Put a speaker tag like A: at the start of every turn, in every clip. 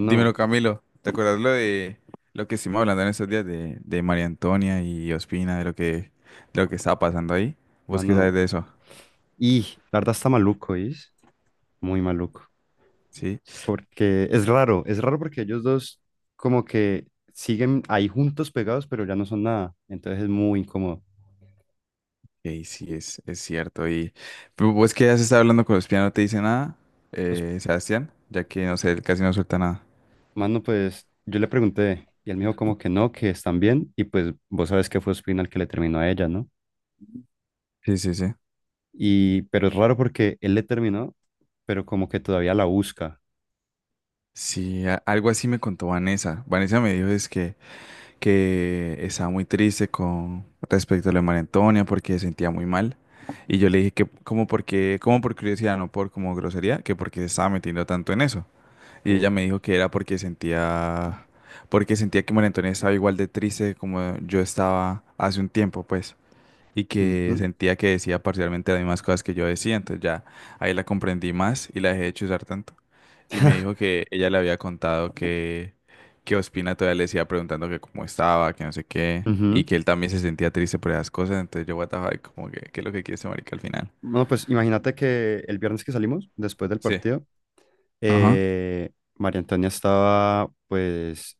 A: Dímelo, Camilo, ¿te acuerdas lo que estuvimos hablando en esos días de María Antonia y Ospina, de lo que estaba pasando ahí? ¿Vos qué sabes
B: mano.
A: de eso?
B: Y la verdad está maluco, ¿is? Muy maluco.
A: Sí,
B: Porque es raro porque ellos dos como que siguen ahí juntos pegados, pero ya no son nada. Entonces es muy incómodo.
A: y sí, es cierto. ¿Y pero vos que has estado hablando con Ospina no te dice nada,
B: Pues,
A: Sebastián? Ya que, no sé, él casi no suelta nada.
B: mano, pues yo le pregunté y él me dijo como que no, que están bien. Y pues vos sabes que fue Ospina el que le terminó a ella, ¿no?
A: Sí, sí, sí.
B: Y, pero es raro porque él le terminó, pero como que todavía la busca.
A: Sí, algo así me contó Vanessa. Vanessa me dijo es que estaba muy triste con respecto a lo de María Antonia porque se sentía muy mal. Y yo le dije que como porque, como por curiosidad, no por como grosería, que porque se estaba metiendo tanto en eso. Y ella
B: Uf.
A: me dijo que era porque porque sentía que María Antonia estaba igual de triste como yo estaba hace un tiempo, pues y que
B: Ujú.
A: sentía que decía parcialmente las mismas cosas que yo decía, entonces ya ahí la comprendí más y la dejé de chuzar tanto. Y me dijo que ella le había contado que Ospina todavía le decía preguntando que cómo estaba, que no sé qué, y
B: Ujú.
A: que él también se sentía triste por esas cosas, entonces yo, what the fuck, como que, ¿qué es lo que quiere ese marica al final?
B: Bueno, pues imagínate que el viernes que salimos, después del
A: Sí.
B: partido,
A: Ajá.
B: eh, María Antonia estaba pues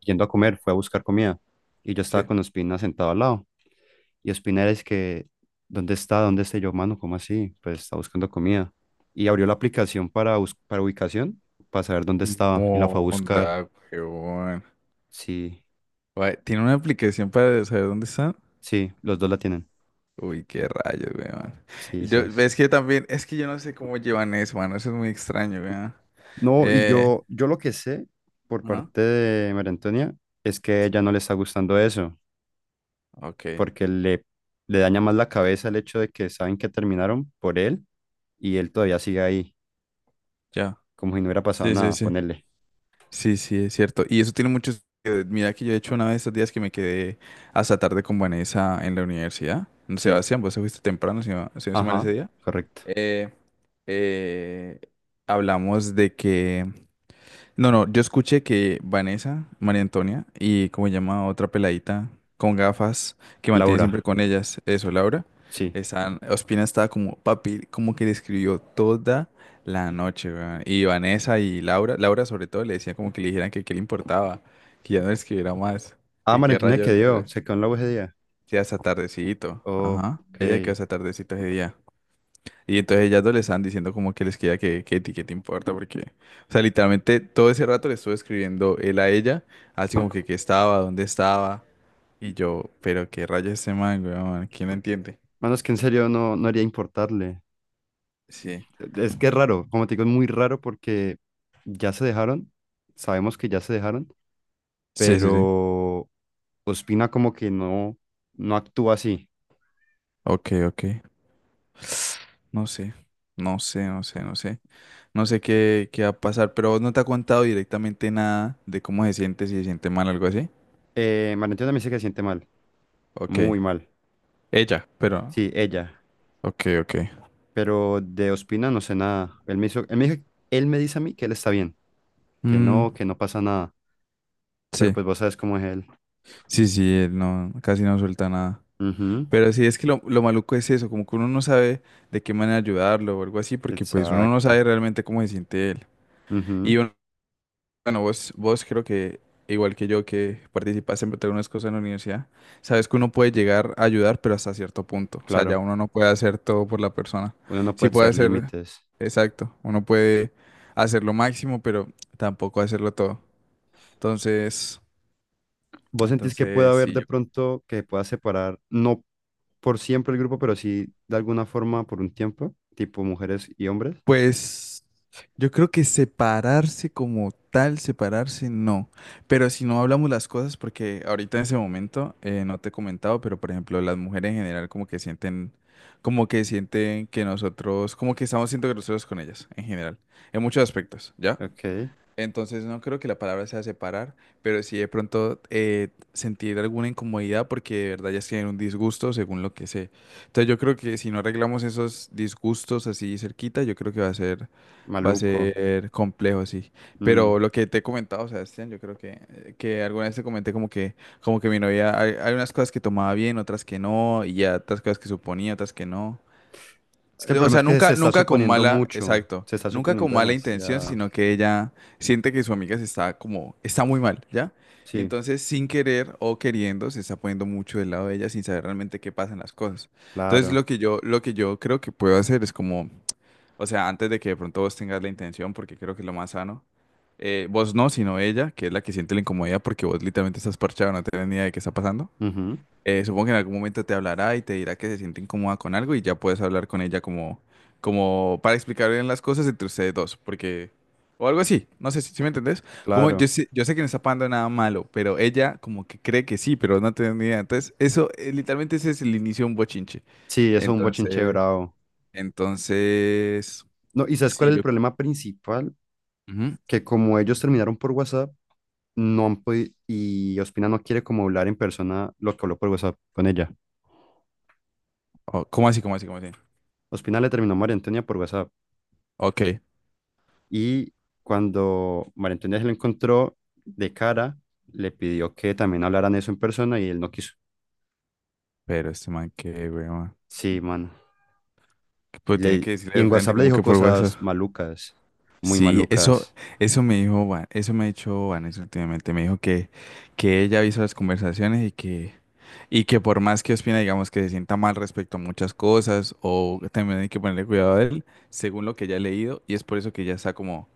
B: yendo a comer, fue a buscar comida y yo estaba
A: Sí.
B: con Ospina sentado al lado. Y Ospina era es que, ¿dónde está? ¿Dónde está? Y yo, mano, ¿cómo así? Pues está buscando comida. Y abrió la aplicación para, para ubicación, para saber dónde
A: Mm.
B: estaba y la fue a buscar.
A: Onda, huevón.
B: Sí,
A: Guay, tiene una aplicación para saber dónde están.
B: sí, los dos la tienen.
A: Uy, qué rayos, weón.
B: Sí,
A: Yo,
B: esas.
A: es que también, es que yo no sé cómo llevan eso, mano. Eso es muy extraño, weón.
B: No, y
A: Eh,
B: yo lo que sé por
A: ajá,
B: parte de María Antonia es que a ella no le está gustando eso.
A: ok,
B: Porque le daña más la cabeza el hecho de que saben que terminaron por él y él todavía sigue ahí,
A: ya.
B: como si no hubiera pasado
A: Sí, sí,
B: nada,
A: sí.
B: ponerle.
A: Sí, sí, es cierto. Y eso tiene muchos. Mira que yo he hecho una de estos días que me quedé hasta tarde con Vanessa en la universidad. No,
B: Sí,
A: Sebastián, vos te fuiste temprano, si no estoy mal
B: ajá,
A: ese día.
B: correcto.
A: Eh, eh, hablamos de que. No, no, yo escuché que Vanessa, María Antonia y como se llama otra peladita con gafas que mantiene siempre
B: Laura,
A: con ellas, eso, Laura,
B: sí.
A: están, Ospina estaba como, papi, como que le escribió toda la noche, weón. Y Vanessa y Laura, Laura sobre todo le decía como que le dijeran que qué le importaba, que ya no le escribiera más,
B: Ah,
A: que qué
B: Valentina
A: rayos,
B: se quedó en la UGD.
A: que hasta tardecito, ajá,
B: Ok.
A: ella quedó hasta tardecito ese día. Y entonces ellas dos le están diciendo como que les queda que a ti qué te importa, porque, o sea, literalmente todo ese rato le estuve escribiendo él a ella, así como que qué estaba, dónde estaba, y yo, pero qué rayos este man, weón, ¿quién lo entiende?
B: Bueno, es que en serio no, no haría importarle.
A: Sí,
B: Es que es raro, como te digo, es muy raro porque ya se dejaron, sabemos que ya se dejaron,
A: sí, sí, sí,
B: pero Ospina como que no, no actúa así.
A: ok, ok, no sé, no sé, no sé, no sé, no sé qué, qué va a pasar, pero vos no te ha contado directamente nada de cómo se siente, si se siente mal, o algo así,
B: Valentina también se que siente mal,
A: ok,
B: muy mal.
A: ella, pero,
B: Sí, ella.
A: ok, ok,
B: Pero de Ospina no sé nada. Él me dijo- él me dice a mí que él está bien,
A: mm,
B: que no pasa nada. Pero
A: sí,
B: pues vos sabes cómo es él.
A: sí, sí, él no, casi no suelta nada.
B: Ujú.
A: Pero sí, es que lo maluco es eso, como que uno no sabe de qué manera ayudarlo o algo así, porque pues uno no
B: Exacto.
A: sabe realmente cómo se siente él.
B: Ujú.
A: Y bueno, vos, vos creo que, igual que yo, que participaste en algunas cosas en la universidad, sabes que uno puede llegar a ayudar, pero hasta cierto punto. O sea, ya
B: Claro.
A: uno no puede hacer todo por la persona.
B: Uno no
A: Sí
B: puede
A: puede
B: ser
A: hacer,
B: límites.
A: exacto, uno puede hacer lo máximo, pero tampoco hacerlo todo. Entonces,
B: ¿Vos sentís que puede
A: entonces
B: haber
A: sí,
B: de
A: yo
B: pronto que pueda separar, no por siempre el grupo, pero sí de alguna forma por un tiempo, tipo mujeres y hombres?
A: pues yo creo que separarse como tal, separarse no. Pero si no hablamos las cosas, porque ahorita en ese momento no te he comentado, pero por ejemplo, las mujeres en general como que sienten que nosotros, como que estamos siendo groseros con ellas en general, en muchos aspectos, ¿ya?
B: Ok.
A: Entonces no creo que la palabra sea separar, pero sí de pronto sentir alguna incomodidad porque de verdad ya es que hay un disgusto según lo que sé. Entonces yo creo que si no arreglamos esos disgustos así cerquita, yo creo que va a
B: Maluco.
A: ser complejo, sí.
B: Mm.
A: Pero lo que te he comentado, Sebastián, yo creo que alguna vez te comenté como que mi novia, hay unas cosas que tomaba bien, otras que no, y ya otras cosas que suponía, otras que no.
B: Es que el
A: O
B: problema es
A: sea,
B: que se
A: nunca,
B: está
A: nunca con
B: suponiendo
A: mala,
B: mucho,
A: exacto,
B: se está
A: nunca con
B: suponiendo
A: mala intención,
B: demasiado.
A: sino que ella siente que su amiga se está como, está muy mal, ¿ya? Y
B: Sí,
A: entonces, sin querer o queriendo, se está poniendo mucho del lado de ella sin saber realmente qué pasan las cosas. Entonces,
B: claro.
A: lo que yo creo que puedo hacer es como, o sea, antes de que de pronto vos tengas la intención, porque creo que es lo más sano, vos no, sino ella, que es la que siente la incomodidad porque vos literalmente estás parchado, no tenés ni idea de qué está pasando.
B: Ujú.
A: Supongo que en algún momento te hablará y te dirá que se siente incómoda con algo y ya puedes hablar con ella como, como para explicar bien las cosas entre ustedes dos, porque, o algo así, no sé si me entendés. Como
B: Claro,
A: yo sé que no está pasando nada malo, pero ella como que cree que sí, pero no tiene ni idea. Entonces, eso, literalmente ese es el inicio de un bochinche.
B: sí, eso es un bochinche
A: Entonces,
B: bravo.
A: entonces,
B: No, ¿y sabes cuál
A: sí,
B: es el
A: yo...
B: problema principal?
A: ujú.
B: Que como ellos terminaron por WhatsApp, no han podido, y Ospina no quiere como hablar en persona lo que habló por WhatsApp con ella.
A: Oh, ¿cómo así, cómo así, cómo así?
B: Ospina le terminó a María Antonia por WhatsApp
A: Ok,
B: y cuando María Antonia se lo encontró de cara, le pidió que también hablaran eso en persona y él no quiso.
A: pero este man que, weón,
B: Sí, mano.
A: pues tiene que
B: Y
A: decirle de
B: en
A: frente
B: WhatsApp le
A: como
B: dijo
A: que por WhatsApp.
B: cosas malucas, muy
A: Sí, eso,
B: malucas,
A: eso me dijo eso me ha dicho Vanessa últimamente, me dijo que ella hizo las conversaciones y que por más que opina, digamos, que se sienta mal respecto a muchas cosas, o también hay que ponerle cuidado a él, según lo que ella ha leído, y es por eso que ella está como,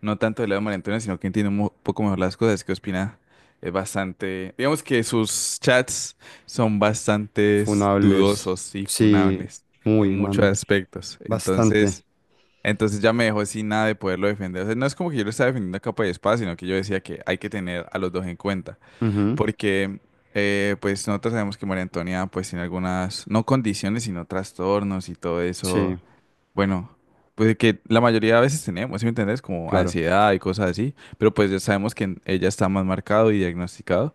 A: no tanto del lado de María Antonia, sino que entiende un poco mejor las cosas, que opina es bastante, digamos que sus chats son bastante
B: funables.
A: dudosos y
B: Sí,
A: funables en
B: muy,
A: muchos
B: mano.
A: aspectos. Entonces...
B: Bastante.
A: entonces ya me dejó sin nada de poderlo defender. O sea, no es como que yo lo estaba defendiendo a capa y espada, sino que yo decía que hay que tener a los dos en cuenta.
B: Ujú.
A: Porque, pues, nosotros sabemos que María Antonia, pues, tiene algunas, no condiciones, sino trastornos y todo
B: Sí,
A: eso. Bueno, pues que la mayoría de veces tenemos, ¿sí me entendés? Como
B: claro.
A: ansiedad y cosas así. Pero pues ya sabemos que ella está más marcado y diagnosticado.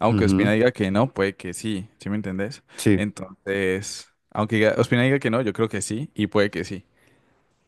A: Aunque
B: Ujú.
A: Ospina diga que no, puede que sí, ¿sí me entendés?
B: Sí,
A: Entonces, aunque diga- Ospina diga que no, yo creo que sí y puede que sí.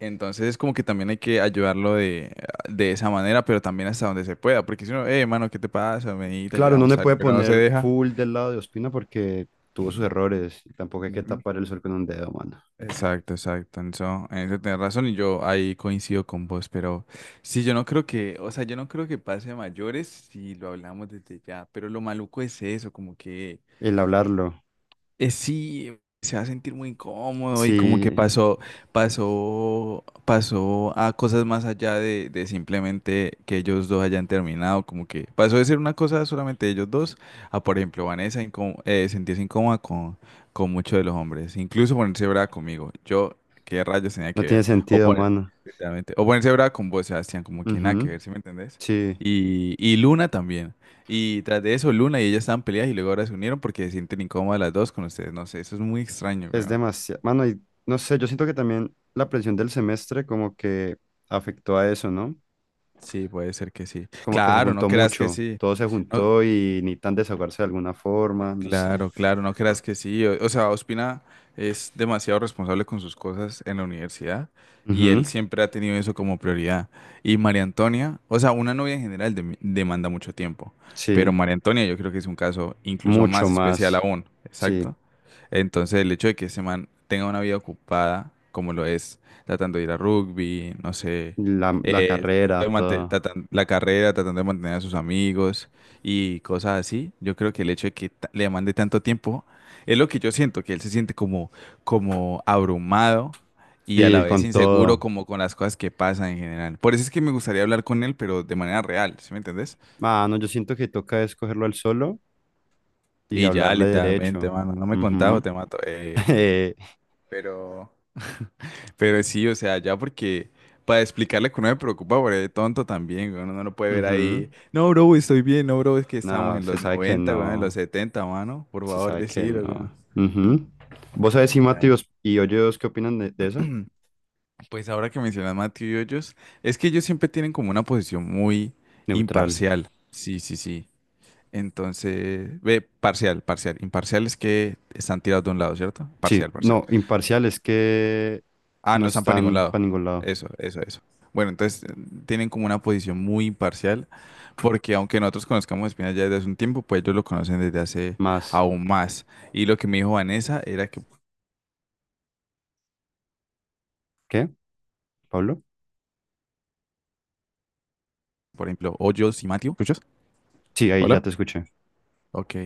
A: Entonces es como que también hay que ayudarlo de esa manera, pero también hasta donde se pueda, porque si no, mano, ¿qué te pasa? Vení, te
B: claro, uno
A: ayudamos
B: no
A: a
B: le puede
A: salir", pero no se
B: poner
A: deja.
B: full del lado de Ospina porque tuvo sus errores y tampoco hay que
A: Ujú.
B: tapar el sol con un dedo, mano.
A: Exacto, exacto. en eso, tenés razón y yo ahí coincido con vos, pero sí, yo no creo que, o sea, yo no creo que pase a mayores si lo hablamos desde ya, pero lo maluco es eso, como que
B: El hablarlo,
A: Sí, se va a sentir muy incómodo y como que
B: sí,
A: pasó a cosas más allá de simplemente que ellos dos hayan terminado, como que pasó de ser una cosa solamente de ellos dos a, por ejemplo, Vanessa sentirse incómoda con muchos de los hombres, incluso ponerse brava conmigo. Yo, ¿qué rayos tenía
B: no
A: que
B: tiene
A: ver? O
B: sentido,
A: poner,
B: mano.
A: literalmente, o ponerse brava con vos, Sebastián, como que nada que
B: Ujú.
A: ver, ¿sí me entendés?
B: Sí,
A: Y Luna también. Y tras de eso, Luna y ella estaban peleadas y luego ahora se unieron porque se sienten incómodas las dos con ustedes. No sé, eso es muy extraño,
B: es
A: weón.
B: demasiado, mano, y no sé, yo siento que también la presión del semestre como que afectó a eso, ¿no?
A: Sí, puede ser que sí.
B: Como que se
A: Claro, no
B: juntó
A: creas que
B: mucho,
A: sí.
B: todo se
A: No,
B: juntó y ni tan desahogarse de alguna forma, no sé.
A: claro, claro, no creas que sí. O sea, Ospina es demasiado responsable con sus cosas en la universidad y él
B: Ujú.
A: siempre ha tenido eso como prioridad. Y María Antonia, o sea, una novia en general demanda mucho tiempo, pero
B: Sí,
A: María Antonia yo creo que es un caso incluso
B: mucho
A: más especial
B: más.
A: aún,
B: Sí.
A: exacto. Entonces, el hecho de que ese man tenga una vida ocupada, como lo es, tratando de ir a rugby, no sé,
B: La
A: eh,
B: carrera,
A: mante-
B: todo.
A: tratan- la carrera, tratando de mantener a sus amigos y cosas así. Yo creo que el hecho de que ta- le mande tanto tiempo es lo que yo siento, que él se siente como, como abrumado y a la
B: Sí,
A: vez
B: con
A: inseguro
B: todo.
A: como con las cosas que pasan en general. Por eso es que me gustaría hablar con él, pero de manera real, ¿sí me entendés?
B: Ah, no, yo siento que toca escogerlo al solo y
A: Y ya
B: hablarle
A: literalmente,
B: derecho.
A: mano, no me contás o
B: Ujú.
A: te mato.
B: Eh,
A: Pero, pero sí, o sea, ya porque... Para explicarle que uno me preocupa por el tonto también, güey, uno no lo puede ver
B: ujú.
A: ahí. No, bro, estoy bien, no, bro, es que estamos
B: No,
A: en
B: se
A: los
B: sabe que
A: 90 güey, en los
B: no.
A: 70 mano. Por
B: Se
A: favor,
B: sabe que
A: decilo,
B: no. Ujú. ¿Vos sabés si
A: güey.
B: Mateos y Hoyos qué opinan de eso?
A: Pues ahora que mencionas Matthew y Hoyos, es que ellos siempre tienen como una posición muy
B: Neutral.
A: imparcial. Sí, sí, sí. Entonces, ve, parcial, parcial. Imparcial es que están tirados de un lado, ¿cierto? Parcial,
B: Sí,
A: parcial.
B: no, imparcial es que
A: Ah, no
B: no
A: están para ningún
B: están
A: lado.
B: para ningún lado.
A: Eso, eso, eso. Bueno, entonces tienen como una posición muy imparcial, porque aunque nosotros conozcamos a Espina ya desde hace un tiempo, pues ellos lo conocen desde hace
B: Más.
A: aún más. Y lo que me dijo Vanessa era que,
B: ¿Qué, Pablo?
A: por ejemplo, Hoyos y Matthew, ¿escuchas?
B: Sí, ahí ya
A: Hola.
B: te escuché.
A: Ok.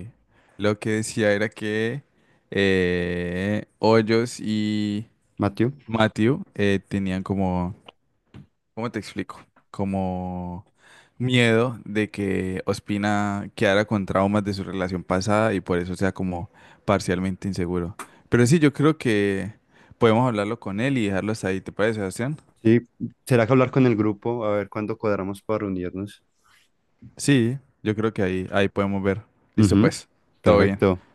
A: Lo que decía era que Hoyos y
B: Mateo.
A: Matthew tenían como, ¿cómo te explico? Como miedo de que Ospina quedara con traumas de su relación pasada y por eso sea como parcialmente inseguro. Pero sí, yo creo que podemos hablarlo con él y dejarlo hasta ahí, ¿te parece, Sebastián?
B: Sí, ¿será que hablar con el grupo? A ver cuándo cuadramos para reunirnos.
A: Sí, yo creo que ahí podemos ver. Listo,
B: Ujú.
A: pues, todo bien.
B: Perfecto.